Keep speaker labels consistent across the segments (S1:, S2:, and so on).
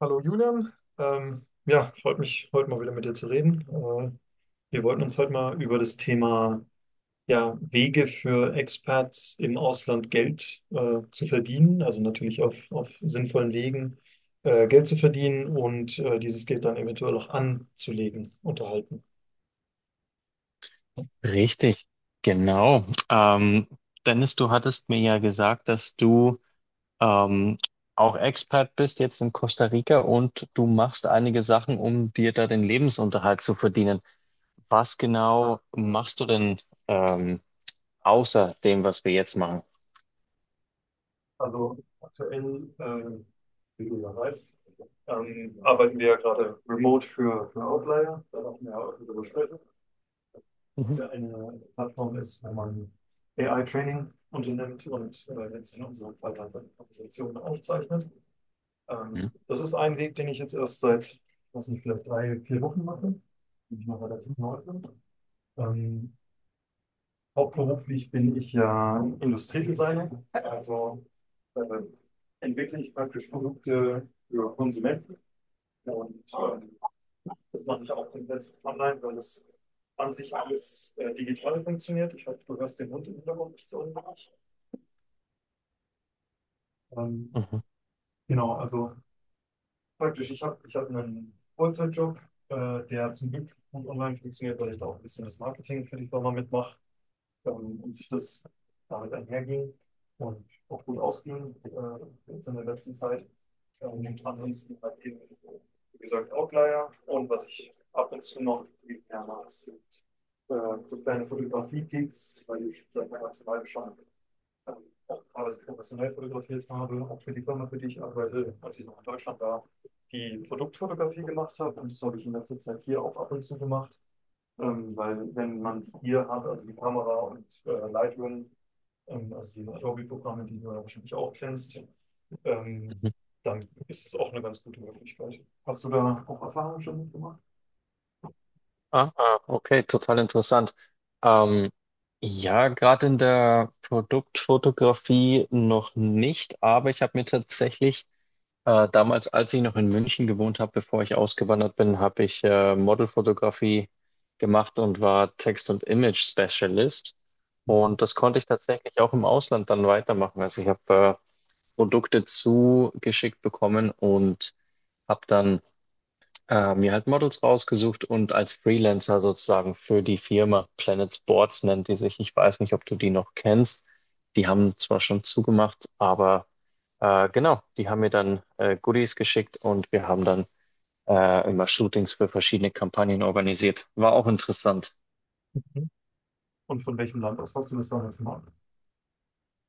S1: Hallo Julian, ja, freut mich, heute mal wieder mit dir zu reden. Wir wollten uns heute mal über das Thema ja, Wege für Expats im Ausland Geld zu verdienen, also natürlich auf sinnvollen Wegen Geld zu verdienen und dieses Geld dann eventuell auch anzulegen, unterhalten.
S2: Richtig, genau. Dennis, du hattest mir ja gesagt, dass du ähm, auch Expat bist jetzt in Costa Rica und du machst einige Sachen, um dir da den Lebensunterhalt zu verdienen. Was genau machst du denn ähm, außer dem, was wir jetzt machen?
S1: Also aktuell, wie du ja weißt, arbeiten wir ja gerade remote für Outlier, da machen wir ja auch darüber
S2: Mhm.
S1: ja eine Plattform ist, wenn man AI-Training unternimmt und jetzt in unserer Präsentation aufzeichnet.
S2: Hm?
S1: Das ist ein Weg, den ich jetzt erst seit, was nicht, vielleicht 3, 4 Wochen mache, bin ich noch relativ neu bin. Ähm, Hauptberuflich bin ich ja Industriedesigner, also äh, entwickle ich praktisch Produkte für Konsumenten und das mache ich auch komplett online, weil das an sich alles digital funktioniert. Ich hoffe, du hörst den Hund im Hintergrund nicht so unbedingt. Ähm,
S2: Mhm.
S1: genau, also praktisch, ich hab einen Vollzeitjob, der zum Glück gut online funktioniert, weil ich da auch ein bisschen das Marketing für die Firma mitmache. Und sich das damit einherging und auch gut ausging jetzt in der letzten Zeit. Ansonsten halt eben, wie gesagt, Outlier, und was ich ab und zu noch viel mehr mache, sind äh, so kleine Fotografie-Gigs, weil ich seit meiner Zeit schon ähm, auch teilweise professionell fotografiert habe, auch für die Firma, für die ich arbeite, als ich noch in Deutschland war, die Produktfotografie gemacht habe, und das habe ich in letzter Zeit hier auch ab und zu gemacht. Weil wenn man hier hat, also die Kamera und Lightroom, also die Adobe-Programme, die du ja wahrscheinlich auch kennst, ähm,
S2: Mhm.
S1: dann ist es auch eine ganz gute Möglichkeit. Hast du da auch Erfahrungen schon mitgemacht?
S2: Ah, ah, okay, total interessant. Ähm, ja, gerade in der Produktfotografie noch nicht, aber ich habe mir tatsächlich damals, als ich noch in München gewohnt habe, bevor ich ausgewandert bin, habe ich Modelfotografie gemacht und war Text- und Image-Specialist. Und das konnte ich tatsächlich auch im Ausland dann weitermachen. Also ich habe Produkte zugeschickt bekommen und habe dann mir halt Models rausgesucht und als Freelancer sozusagen für die Firma Planet Sports nennt die sich. Ich weiß nicht, ob du die noch kennst. Die haben zwar schon zugemacht, aber genau, die haben mir dann Goodies geschickt und wir haben dann immer Shootings für verschiedene Kampagnen organisiert. War auch interessant.
S1: Und von welchem Land aus hast du das damals gemacht?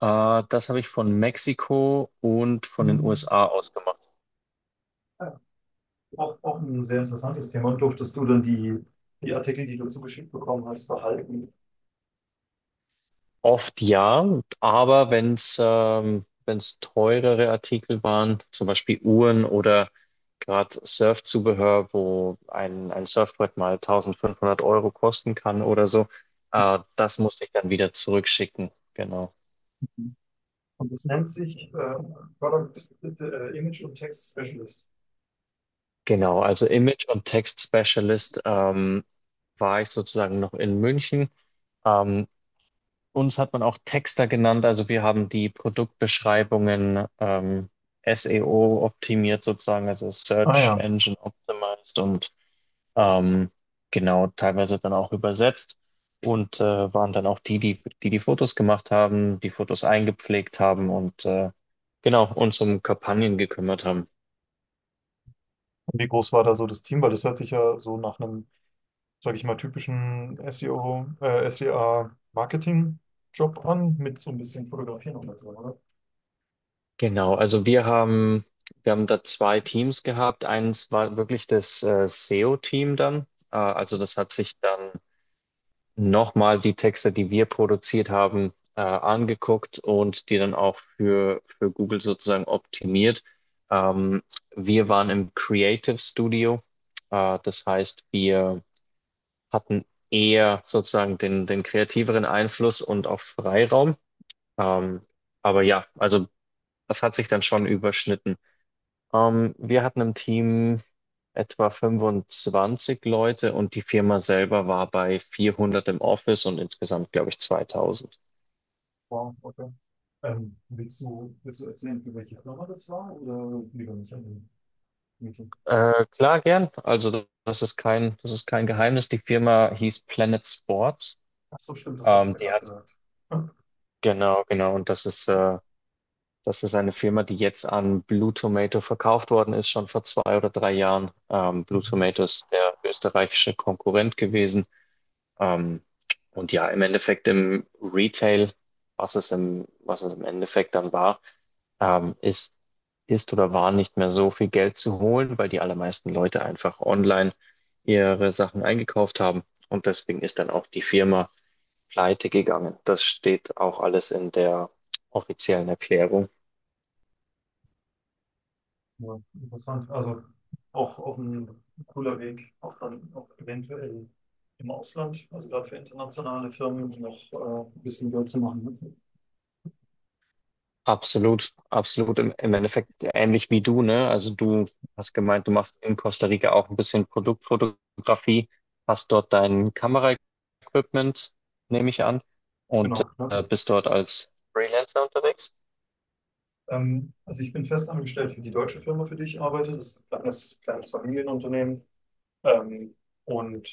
S2: Das habe ich von Mexiko und von den
S1: Mhm.
S2: USA aus gemacht.
S1: Ja, auch, auch ein sehr interessantes Thema. Und durftest du dann die, die Artikel, die du zugeschickt bekommen hast, behalten?
S2: Oft ja, aber wenn es teurere Artikel waren, zum Beispiel Uhren oder gerade Surfzubehör, wo ein Surfbrett mal 1.500 € kosten kann oder so, das musste ich dann wieder zurückschicken. Genau.
S1: Mhm. Und das nennt sich Product Image und Text Specialist.
S2: Genau, also Image- und Text-Specialist war ich sozusagen noch in München. Ähm, Uns hat man auch Texter genannt, also wir haben die Produktbeschreibungen SEO optimiert sozusagen, also
S1: Ah
S2: Search
S1: ja.
S2: Engine Optimized und ähm, genau teilweise dann auch übersetzt und waren dann auch die die Fotos gemacht haben, die Fotos eingepflegt haben und genau uns um Kampagnen gekümmert haben.
S1: Und wie groß war da so das Team? Weil das hört sich ja so nach einem, sage ich mal, typischen SEO, SEA-Marketing-Job an, mit so ein bisschen Fotografieren und so, oder?
S2: Genau, also wir haben da zwei Teams gehabt. Eins war wirklich das SEO-Team dann, also das hat sich dann nochmal die Texte, die wir produziert haben, angeguckt und die dann auch für Google sozusagen optimiert. Ähm, wir waren im Creative Studio. Das heißt, wir hatten eher sozusagen den kreativeren Einfluss und auch Freiraum. Ähm, aber ja, also das hat sich dann schon überschnitten. Wir hatten im Team etwa 25 Leute und die Firma selber war bei 400 im Office und insgesamt, glaube ich, 2000.
S1: Wow, okay. Willst du erzählen, für welche Firma das war, oder lieber nicht an den Meeting?
S2: Klar, gern. Also das ist kein Geheimnis. Die Firma hieß Planet Sports.
S1: Ach so, stimmt, das hattest
S2: Ähm,
S1: du ja
S2: die
S1: gerade
S2: hat,
S1: gesagt. Ja.
S2: genau, genau. Und das ist eine Firma, die jetzt an Blue Tomato verkauft worden ist, schon vor 2 oder 3 Jahren. Blue
S1: Mhm.
S2: Tomato ist der österreichische Konkurrent gewesen. Ähm, und ja, im Endeffekt im Retail, was es im Endeffekt dann war, ähm, ist, ist oder war nicht mehr so viel Geld zu holen, weil die allermeisten Leute einfach online ihre Sachen eingekauft haben. Und deswegen ist dann auch die Firma pleite gegangen. Das steht auch alles in der offiziellen Erklärung.
S1: Ja, interessant. Also auch, auch ein cooler Weg, auch dann auch eventuell im Ausland, also gerade für internationale Firmen, noch ein bisschen Geld zu machen, ne?
S2: Absolut, absolut. Im Endeffekt ähnlich wie du, ne? Also du hast gemeint, du machst in Costa Rica auch ein bisschen Produktfotografie, hast dort dein Kameraequipment, nehme ich an, und
S1: Genau, ja.
S2: bist dort als Freelancer unterwegs.
S1: Also ich bin festangestellt für die deutsche Firma, für die ich arbeite. Das ist ein kleines, kleines Familienunternehmen. Ähm, und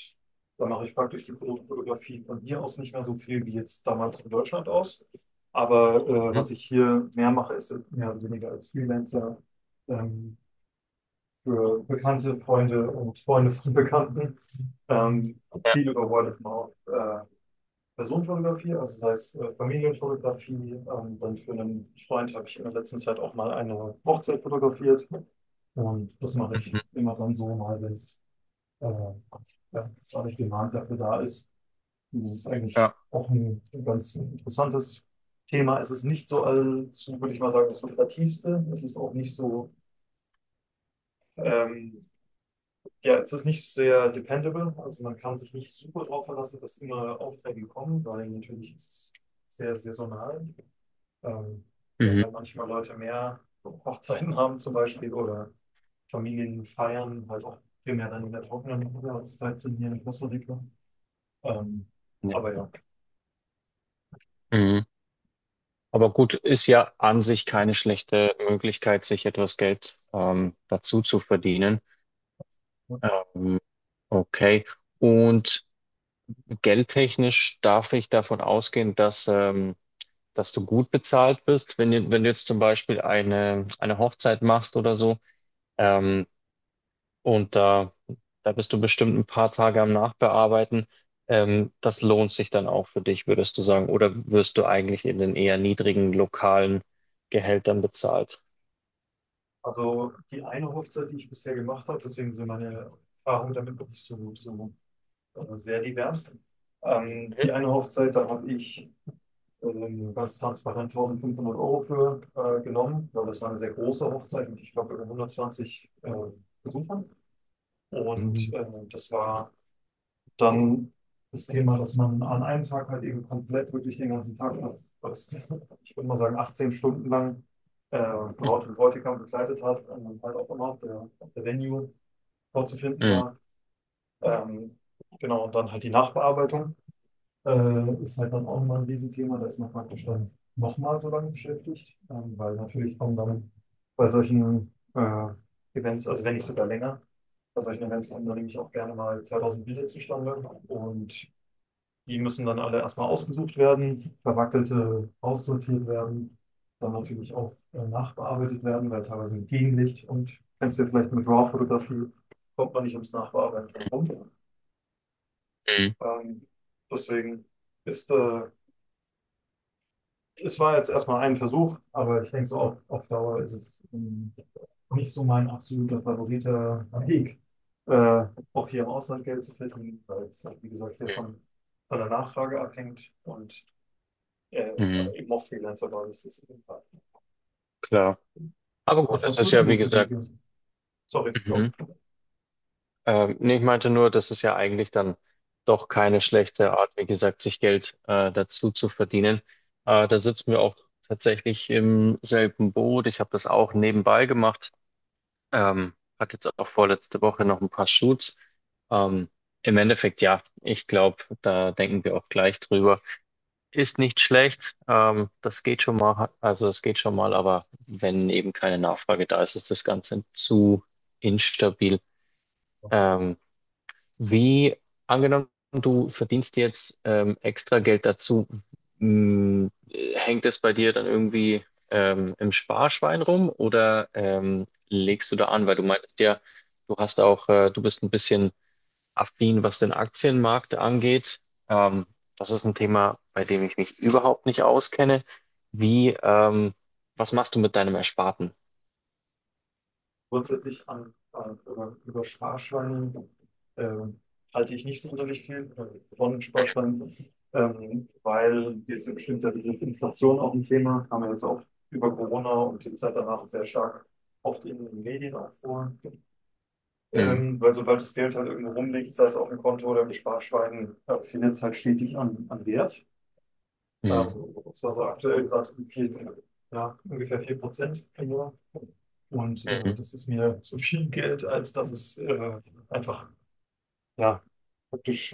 S1: da mache ich praktisch die Produktfotografie von hier aus nicht mehr so viel wie jetzt damals in Deutschland aus. Aber
S2: Mhm.
S1: was ich hier mehr mache, ist mehr oder weniger als Freelancer ähm, für Bekannte, Freunde und Freunde von Bekannten. Ähm,
S2: Ja.
S1: Viel über Word of Mouth. Personenfotografie, also sei es Familienfotografie, dann für einen Freund habe ich in der letzten Zeit auch mal eine Hochzeit fotografiert. Und das mache ich
S2: Mhm.
S1: immer dann so mal, wenn es ja, dadurch Demand dafür da ist. Und das ist eigentlich
S2: Ja.
S1: auch ein ganz interessantes Thema. Es ist nicht so allzu, würde ich mal sagen, das lukrativste. Es ist auch nicht so, ähm, ja, es ist nicht sehr dependable. Also man kann sich nicht super drauf verlassen, dass immer Aufträge kommen, weil natürlich ist es sehr saisonal. Ähm, Weil
S2: Mhm.
S1: halt manchmal Leute mehr Hochzeiten haben zum Beispiel oder Familien feiern, halt auch primär dann in der trockenen Jahreszeit sind hier in Costa Rica. Ähm,
S2: Ja.
S1: aber ja,
S2: Mhm. Aber gut, ist ja an sich keine schlechte Möglichkeit, sich etwas Geld dazu zu verdienen. Ähm, okay. Und Geldtechnisch darf ich davon ausgehen, dass du gut bezahlt bist, wenn du jetzt zum Beispiel eine Hochzeit machst oder so. Ähm, und da bist du bestimmt ein paar Tage am Nachbearbeiten. Das lohnt sich dann auch für dich, würdest du sagen. Oder wirst du eigentlich in den eher niedrigen lokalen Gehältern bezahlt?
S1: also die eine Hochzeit, die ich bisher gemacht habe, deswegen sind meine Erfahrungen damit wirklich so, so sehr divers. Die eine Hochzeit, da habe ich ganz transparent 1500 € für genommen, weil das war eine sehr große Hochzeit mit, ich glaube, über 120 Besuchern. Und
S2: Mhm.
S1: das war dann das Thema, dass man an einem Tag halt eben komplett wirklich den ganzen Tag, was, was ich würde mal sagen, 18 Stunden lang Braut und Bräutigam begleitet hat und dann halt auch immer der, der Venue vorzufinden
S2: Mhm.
S1: war. Ähm, genau, und dann halt die Nachbearbeitung ist halt dann auch immer ein Riesenthema, da ist man praktisch dann nochmal so lange beschäftigt, weil natürlich kommen dann bei solchen Events, also wenn nicht sogar länger, bei solchen Events kommen dann nämlich auch gerne mal 2000 Bilder zustande, und die müssen dann alle erstmal ausgesucht werden, verwackelte aussortiert werden, dann natürlich auch nachbearbeitet werden, weil teilweise im Gegenlicht, und kennst du ja vielleicht mit RAW-Fotografie, kommt man nicht ums Nachbearbeiten dran rum.
S2: Mhm.
S1: Ähm, deswegen ist, äh, es war jetzt erstmal ein Versuch, aber ich denke so auf Dauer ist es nicht so mein absoluter favoriter Weg, äh, auch hier im Ausland Geld zu verdienen, weil es, wie gesagt, sehr
S2: Mhm.
S1: von der Nachfrage abhängt und äh,
S2: Mhm.
S1: eben auch Freelancer-Basis ist.
S2: Klar. Aber gut,
S1: Was
S2: es
S1: hast du
S2: ist
S1: denn
S2: ja
S1: so
S2: wie
S1: für
S2: gesagt.
S1: Wege? Sorry, go.
S2: Mhm. Nee, ich meinte nur, das ist ja eigentlich dann doch keine schlechte Art, wie gesagt, sich Geld dazu zu verdienen. Da sitzen wir auch tatsächlich im selben Boot. Ich habe das auch nebenbei gemacht. Ähm, hatte jetzt auch vorletzte Woche noch ein paar Shoots. Ähm, im Endeffekt, ja, ich glaube, da denken wir auch gleich drüber. Ist nicht schlecht. Das geht schon mal, also es geht schon mal, aber wenn eben keine Nachfrage da ist, ist das Ganze zu instabil. Ähm, wie angenommen, du verdienst jetzt extra Geld dazu, mh, hängt es bei dir dann irgendwie im Sparschwein rum oder legst du da an? Weil du meintest ja, du bist ein bisschen affin, was den Aktienmarkt angeht. Ähm, das ist ein Thema, bei dem ich mich überhaupt nicht auskenne. Wie, ähm, was machst du mit deinem Ersparten?
S1: Grundsätzlich über Sparschweine ähm, halte ich nicht sonderlich viel von Sparschweinen, weil jetzt im bestimmter Begriff Inflation auch ein Thema, haben wir jetzt auch über Corona und die Zeit danach sehr stark oft in den Medien auch vor.
S2: Mhm.
S1: Weil sobald das Geld halt irgendwo rumliegt, sei es auf dem Konto oder im Sparschwein, findet es halt stetig an, an Wert.
S2: Mhm.
S1: Das war so aktuell gerade vier, ja, ungefähr 4 Prozent im Jahr. Und
S2: Mhm.
S1: das ist mir zu viel Geld, als dass es einfach ja, praktisch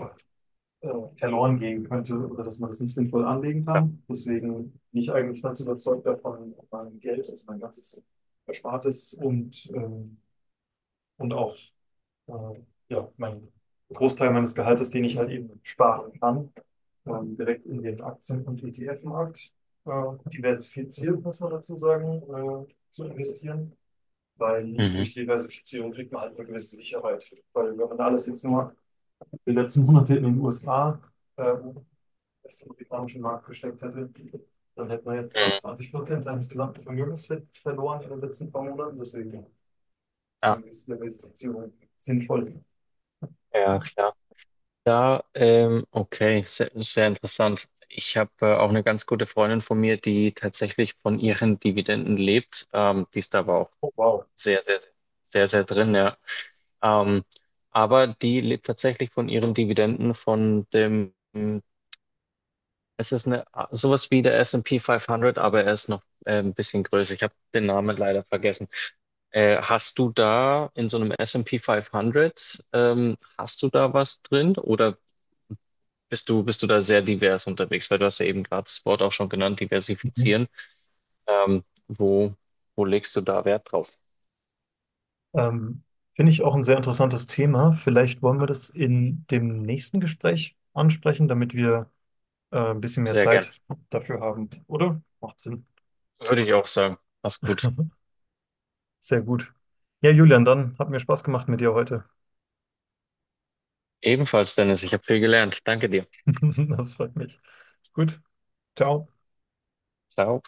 S1: äh, verloren gehen könnte oder dass man das nicht sinnvoll anlegen kann. Deswegen bin ich eigentlich ganz überzeugt davon, mein Geld, also mein ganzes Erspartes und auch äh, ja, mein Großteil meines Gehaltes, den ich halt eben sparen kann, direkt in den Aktien- und ETF-Markt diversifiziert, muss man dazu sagen, zu investieren, weil
S2: Mhm.
S1: durch Diversifizierung kriegt man halt eine gewisse Sicherheit. Weil wenn man alles jetzt nur die letzten Monate in den USA äh, das im amerikanischen Markt gesteckt hätte, dann hätte man jetzt gerade
S2: Mhm.
S1: 20% seines gesamten Vermögens verloren in den letzten paar Monaten. Deswegen ist eine
S2: Ja,
S1: gewisse Diversifizierung sinnvoll.
S2: ja, klar. Ja, okay, sehr, sehr interessant. Ich habe auch eine ganz gute Freundin von mir, die tatsächlich von ihren Dividenden lebt. Die ist da aber auch
S1: Oh, wow.
S2: sehr, sehr, sehr, sehr sehr drin, ja. Ähm, aber die lebt tatsächlich von ihren Dividenden, von dem, es ist eine, sowas wie der S&P 500, aber er ist noch ein bisschen größer. Ich habe den Namen leider vergessen. Hast du da in so einem S&P 500, hast du da was drin oder bist du da sehr divers unterwegs? Weil du hast ja eben gerade das Wort auch schon genannt,
S1: Mhm.
S2: diversifizieren. Ähm, wo, wo legst du da Wert drauf?
S1: Ähm, Finde ich auch ein sehr interessantes Thema. Vielleicht wollen wir das in dem nächsten Gespräch ansprechen, damit wir ein bisschen mehr
S2: Sehr gern.
S1: Zeit dafür haben, oder? Macht Sinn.
S2: Würde ich auch sagen. Mach's gut.
S1: Sehr gut. Ja, Julian, dann hat mir Spaß gemacht mit dir heute.
S2: Ebenfalls, Dennis, ich habe viel gelernt. Danke dir.
S1: Das freut mich. Gut. Ciao.
S2: Ciao.